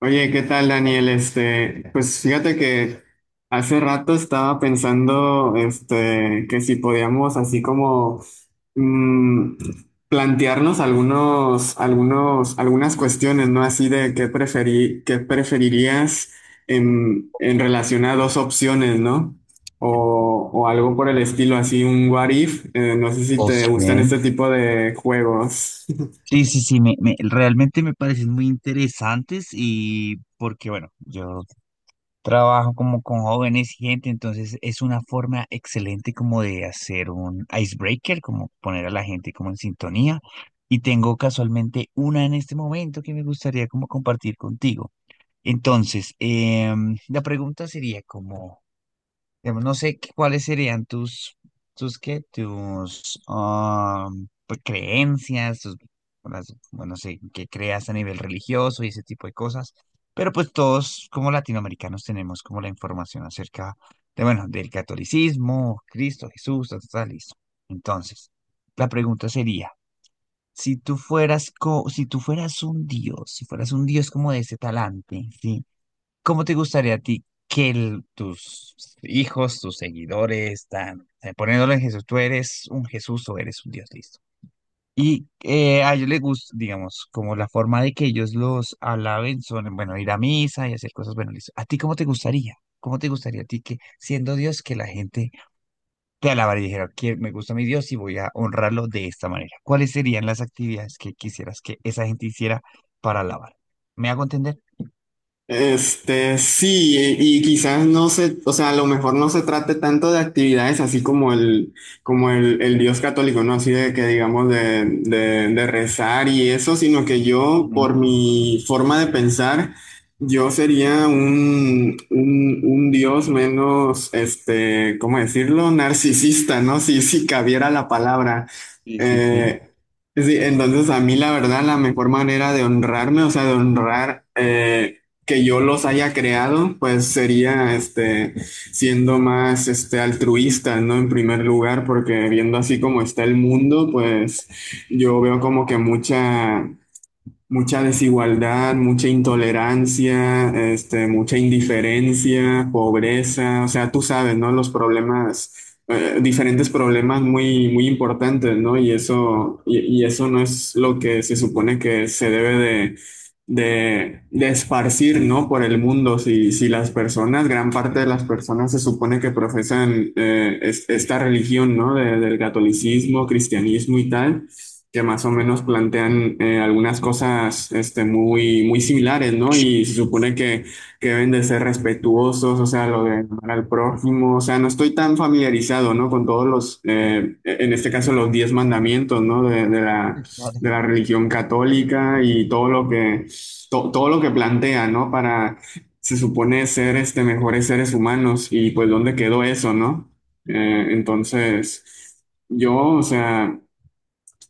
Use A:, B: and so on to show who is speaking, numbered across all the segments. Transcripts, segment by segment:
A: Oye, ¿qué tal, Daniel? Pues fíjate que hace rato estaba pensando, que si podíamos así como mm, plantearnos algunas cuestiones, ¿no? Así de qué preferirías en relación a dos opciones, ¿no? O algo por el estilo, así un what if. No sé si te
B: Ok.
A: gustan este tipo de juegos.
B: Sí, sí, sí, realmente me parecen muy interesantes y porque, bueno, yo trabajo como con jóvenes y gente, entonces es una forma excelente como de hacer un icebreaker, como poner a la gente como en sintonía. Y tengo casualmente una en este momento que me gustaría como compartir contigo. Entonces, la pregunta sería como... Digamos, no sé qué- cuáles serían tus pues, creencias, tus, bueno, no sé, qué creas a nivel religioso y ese tipo de cosas. Pero pues todos como latinoamericanos tenemos como la información acerca de, bueno, del catolicismo, Cristo, Jesús, tal, tal, tal, listo. Entonces, la pregunta sería, si tú fueras un dios, si fueras un dios como de ese talante, ¿sí? ¿Cómo te gustaría a ti que tus hijos, tus seguidores, tan, poniéndolo en Jesús, tú eres un Jesús o eres un Dios, listo? Y a ellos les gusta, digamos, como la forma de que ellos los alaben son, bueno, ir a misa y hacer cosas, bueno, listo. ¿A ti cómo te gustaría? ¿Cómo te gustaría a ti que, siendo Dios, que la gente te alabara y dijera, que me gusta mi Dios y voy a honrarlo de esta manera? ¿Cuáles serían las actividades que quisieras que esa gente hiciera para alabar? ¿Me hago entender?
A: Sí, y quizás no se, o sea, a lo mejor no se trate tanto de actividades así como como el Dios católico, ¿no? Así de que digamos de rezar y eso, sino que yo, por
B: Ujú.
A: mi forma de pensar, yo sería un Dios menos, ¿cómo decirlo? Narcisista, ¿no? Si, si cabiera la palabra.
B: Sí, sí, sí.
A: Eh, Sí, entonces a mí la verdad la mejor manera de honrarme, o sea, de honrar que yo los haya creado, pues sería siendo más altruista, ¿no? En primer lugar, porque viendo así como está el mundo, pues yo veo como que mucha desigualdad, mucha intolerancia, mucha indiferencia, pobreza, o sea, tú sabes, ¿no? Los problemas, diferentes problemas muy, muy importantes, ¿no? Y eso, y eso no es lo que se supone que se debe de esparcir, ¿no? Por el mundo. Si, si las personas, gran parte de las personas se supone que profesan esta religión, ¿no? Del catolicismo, cristianismo y tal que más o menos plantean algunas cosas muy, muy similares, ¿no? Y se supone que deben de ser respetuosos, o sea, lo de amar al prójimo, o sea, no estoy tan familiarizado, ¿no? Con todos los, en este caso, los 10 mandamientos, ¿no? De la religión católica y todo lo que, todo lo que plantea, ¿no? Para, se supone ser mejores seres humanos y pues dónde quedó eso, ¿no? Eh, entonces, o sea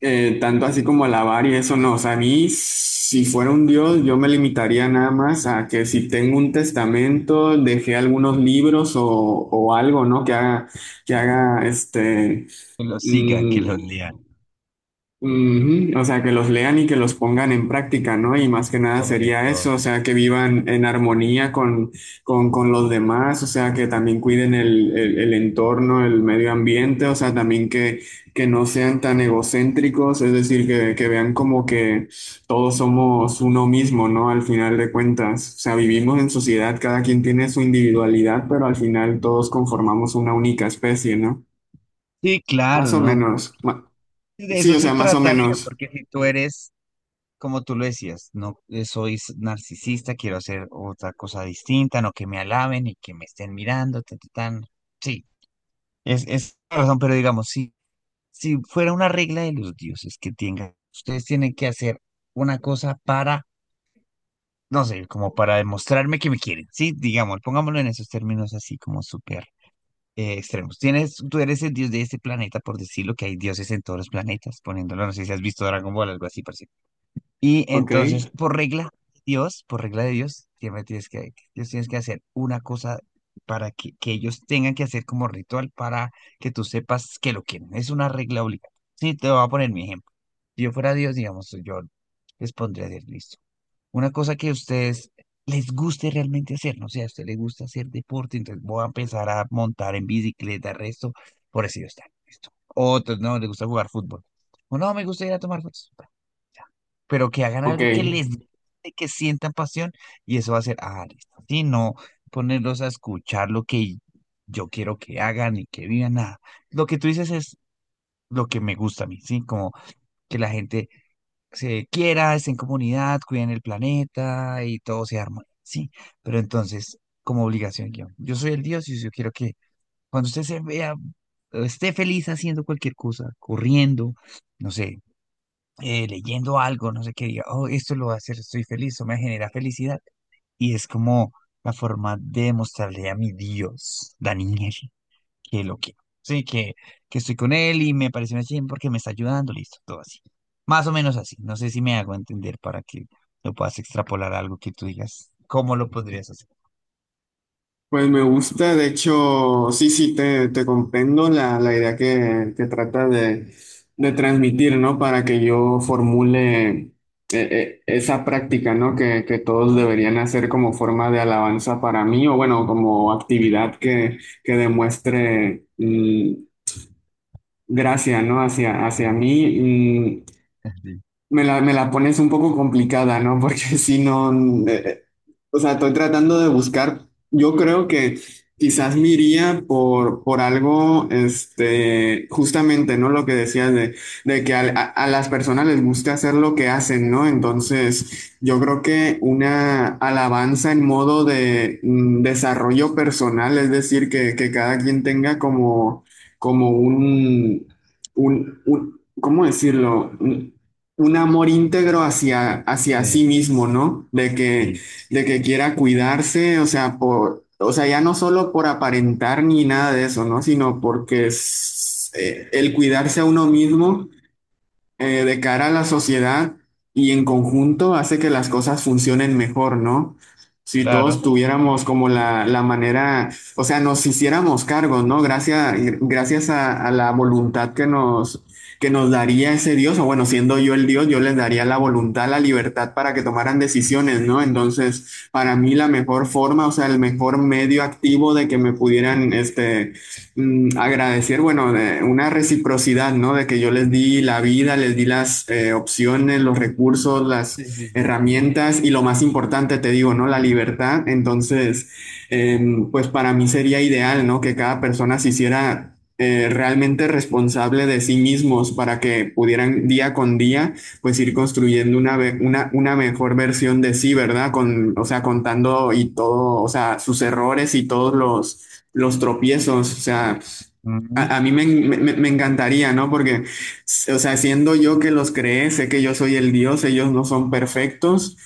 A: tanto así como alabar y eso no. O sea, a mí, si fuera un Dios, yo me limitaría nada más a que si tengo un testamento, dejé algunos libros o algo, ¿no? Que haga
B: Que los sigan, que los
A: mm,
B: lean,
A: ujú. O sea, que los lean y que los pongan en práctica, ¿no? Y más que nada
B: sobre
A: sería eso,
B: todo.
A: o sea, que vivan en armonía con, con los demás, o sea, que también cuiden el entorno, el medio ambiente, o sea, también que no sean tan egocéntricos, es decir, que vean como que todos somos uno mismo, ¿no? Al final de cuentas, o sea, vivimos en sociedad, cada quien tiene su individualidad, pero al final todos conformamos una única especie, ¿no?
B: Sí,
A: Más
B: claro,
A: o
B: ¿no? Porque
A: menos,
B: de
A: sí,
B: eso
A: o
B: se
A: sea, más o
B: trataría,
A: menos,
B: porque si tú eres, como tú lo decías, no soy narcisista, quiero hacer otra cosa distinta, no que me alaben y que me estén mirando, tan, tan, tan. Sí, es la razón, pero digamos, si, si fuera una regla de los dioses que tengan, ustedes tienen que hacer una cosa para, no sé, como para demostrarme que me quieren, sí, digamos, pongámoslo en esos términos así como súper extremos. Tienes, tú eres el dios de este planeta, por decirlo, que hay dioses en todos los planetas, poniéndolo, no sé si has visto Dragon Ball, algo así parecido. Y
A: ¿ok?
B: entonces, por regla, Dios, por regla de Dios, siempre tienes que, Dios tienes que hacer una cosa para que ellos tengan que hacer como ritual para que tú sepas que lo quieren. Es una regla obligatoria. Sí, te voy a poner mi ejemplo. Si yo fuera Dios, digamos, yo les pondría a decir, listo. Una cosa que a ustedes les guste realmente hacer, no sé, a usted le gusta hacer deporte, entonces voy a empezar a montar en bicicleta, resto, por eso está, listo. Otros no, les gusta jugar fútbol. O no, me gusta ir a tomar fotos. Bueno, ya. Pero que hagan
A: Ok,
B: algo que les guste, que sientan pasión, y eso va a ser, ah, listo. Sí, no ponerlos a escuchar lo que yo quiero que hagan y que vivan, nada. Lo que tú dices es lo que me gusta a mí, ¿sí? Como que la gente se quiera, estén en comunidad, cuiden el planeta y todo se arma, sí. Pero entonces, como obligación, yo soy el Dios y yo quiero que cuando usted se vea, esté feliz haciendo cualquier cosa, corriendo, no sé, leyendo algo, no sé qué, diga, oh, esto lo va a hacer, estoy feliz, o me genera felicidad. Y es como la forma de mostrarle a mi Dios, Daniel que lo quiero. Sí, que estoy con él y me parece una chimba porque me está ayudando, listo, todo así. Más o menos así. No sé si me hago entender para que lo puedas extrapolar a algo que tú digas. ¿Cómo lo podrías hacer?
A: pues me gusta, de hecho, sí, sí, te comprendo la, la idea que trata de transmitir, ¿no? Para que yo formule esa práctica, ¿no? Que todos
B: ¿No?
A: deberían hacer como forma de alabanza para mí, o bueno, como actividad que demuestre gracia, ¿no? Hacia, hacia mí.
B: Sí,
A: Me la pones un poco complicada, ¿no? Porque si no, eh, eh, o sea, estoy tratando de buscar, yo creo que quizás me iría por algo, justamente, ¿no? Lo que decías de que a las personas les gusta hacer lo que hacen, ¿no? Entonces, yo creo que una alabanza en modo de desarrollo personal, es decir, que cada quien tenga como, como un, ¿cómo decirlo? Un amor íntegro hacia, hacia
B: sí,
A: sí mismo, ¿no?
B: sí.
A: De que quiera cuidarse, o sea, por, o sea, ya no solo por aparentar ni nada de eso, ¿no? Sino porque es, el cuidarse a uno mismo de cara a la sociedad y en conjunto hace que las cosas funcionen mejor, ¿no? Si
B: Claro.
A: todos tuviéramos como la manera, o sea, nos hiciéramos cargo, ¿no? Gracias, gracias a la voluntad que nos daría ese Dios, o bueno, siendo yo el Dios, yo les daría la voluntad, la libertad para que tomaran decisiones, ¿no? Entonces, para mí la mejor forma, o sea, el mejor medio activo de que me pudieran, agradecer, bueno, de una reciprocidad, ¿no? De que yo les di la vida, les di las opciones, los recursos, las
B: Sí, sí, sí.
A: herramientas y lo más importante, te digo, ¿no? La libertad. Entonces, eh, pues para mí sería ideal, ¿no? Que cada persona se hiciera realmente responsable de sí mismos para que pudieran día con día pues ir construyendo una mejor versión de sí, ¿verdad? Con, o sea, contando y todo, o sea, sus errores y todos los tropiezos, o sea,
B: Ujú.
A: a mí me encantaría, ¿no? Porque, o sea, siendo yo que los creé, sé que yo soy el Dios, ellos no son perfectos,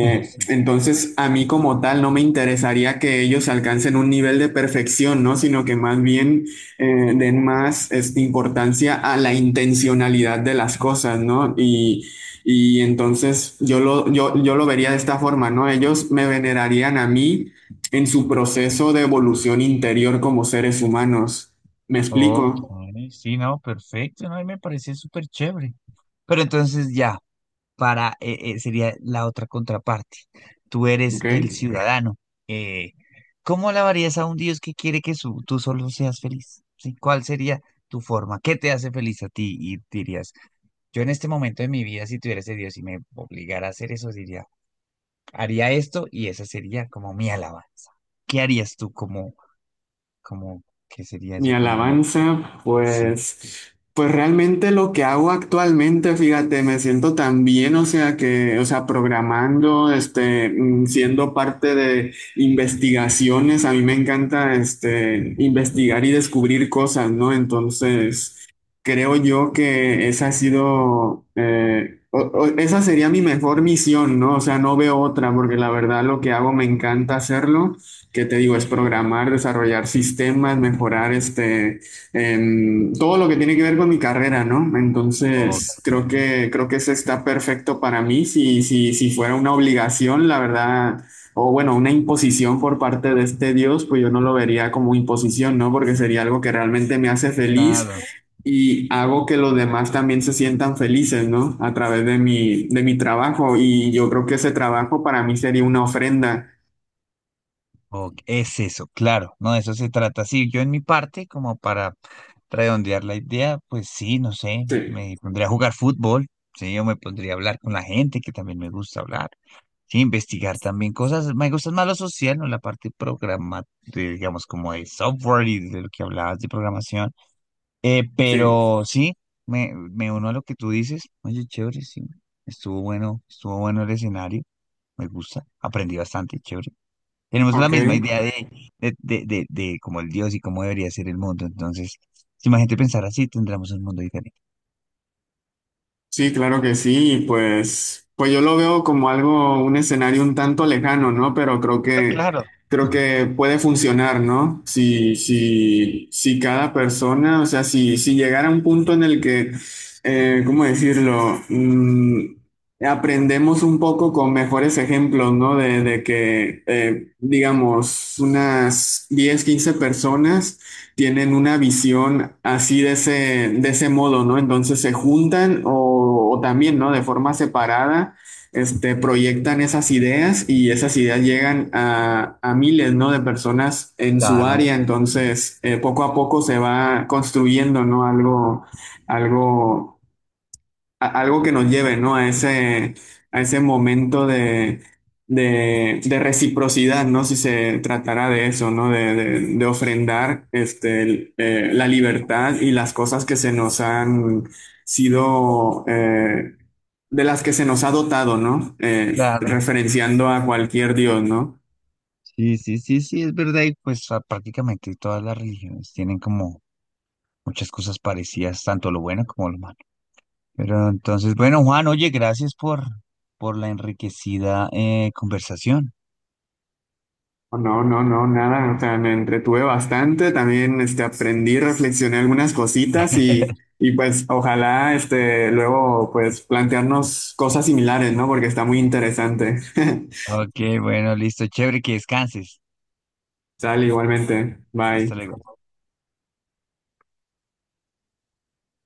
B: Sí.
A: entonces a mí como tal no me interesaría que ellos alcancen un nivel de perfección, ¿no? Sino que más bien den más importancia a la intencionalidad de las cosas, ¿no? Y entonces yo lo vería de esta forma, ¿no? Ellos me venerarían a mí en su proceso de evolución interior como seres humanos. ¿Me
B: Ok,
A: explico?
B: sí, no, perfecto, no, y me parece súper chévere. Pero entonces ya. Para, sería la otra contraparte. Tú eres
A: ¿Ok?
B: el ciudadano. Eh, ¿Cómo alabarías a un Dios que quiere que tú solo seas feliz? ¿Sí? ¿Cuál sería tu forma? ¿Qué te hace feliz a ti? Y dirías, yo en este momento de mi vida, si tuviera ese Dios y me obligara a hacer eso, diría, haría esto y esa sería como mi alabanza. ¿Qué harías tú como, qué sería
A: Mi
B: eso? Como no,
A: alabanza,
B: sí.
A: pues, pues realmente lo que hago actualmente, fíjate, me siento tan bien, o sea que, o sea, programando, siendo parte de investigaciones, a mí me encanta, investigar y descubrir cosas, ¿no? Entonces, creo yo que esa ha sido, esa sería mi mejor misión, ¿no? O sea, no veo otra, porque la verdad lo que hago me encanta hacerlo. ¿Qué te digo? Es programar, desarrollar sistemas, mejorar todo lo que tiene que ver con mi carrera, ¿no?
B: Ok,
A: Entonces, creo que eso está perfecto para mí. Si fuera una obligación, la verdad, o bueno, una imposición por parte de este Dios, pues yo no lo vería como imposición, ¿no? Porque sería algo que realmente me hace feliz
B: claro.
A: y hago que los demás también se sientan felices, ¿no? A través de mi trabajo. Y yo creo que ese trabajo para mí sería una ofrenda.
B: Ok, es eso, claro, no, de eso se trata. Sí, yo en mi parte, como para redondear la idea, pues sí, no sé,
A: Sí,
B: me pondría a jugar fútbol, sí, yo me pondría a hablar con la gente, que también me gusta hablar, sí, investigar también cosas, me gusta más lo social, ¿no? La parte programa, de, digamos, como de software y de lo que hablabas de programación.
A: sí.
B: Pero sí, me uno a lo que tú dices, oye, chévere, sí, estuvo bueno el escenario, me gusta, aprendí bastante, chévere. Tenemos la
A: Ok,
B: misma idea de, de cómo el Dios y cómo debería ser el mundo. Entonces, si más gente pensara así, tendremos un mundo diferente.
A: sí, claro que sí, y pues, pues yo lo veo como algo, un escenario un tanto lejano, ¿no? Pero
B: Ah, claro,
A: creo que puede funcionar, ¿no? Si cada persona, o sea, si llegara a un punto en el que, ¿cómo decirlo? Aprendemos un poco con mejores ejemplos, ¿no? Digamos, unas 10, 15 personas tienen una visión así de ese modo, ¿no? Entonces se juntan o también, ¿no? De forma separada, proyectan esas ideas y esas ideas llegan a miles, ¿no? De personas en su
B: claro,
A: área. Entonces, poco a poco se va construyendo, ¿no? Algo, algo algo que nos lleve, ¿no? A ese momento de reciprocidad, ¿no? Si se tratará de eso, ¿no? De ofrendar la libertad y las cosas que se nos han sido, de las que se nos ha dotado, ¿no?
B: claro.
A: Referenciando a cualquier Dios, ¿no?
B: Sí, sí, sí, sí, es verdad. Y pues ah, prácticamente todas las religiones tienen como muchas cosas parecidas, tanto lo bueno como lo malo. Pero entonces, bueno, Juan, oye, gracias por la enriquecida conversación.
A: No, no, no, nada, o sea, me entretuve bastante, también aprendí, reflexioné algunas cositas y pues ojalá luego pues plantearnos cosas similares, ¿no? Porque está muy interesante.
B: Ok, bueno, listo, chévere, que descanses.
A: Sale igualmente,
B: Hasta
A: bye.
B: luego.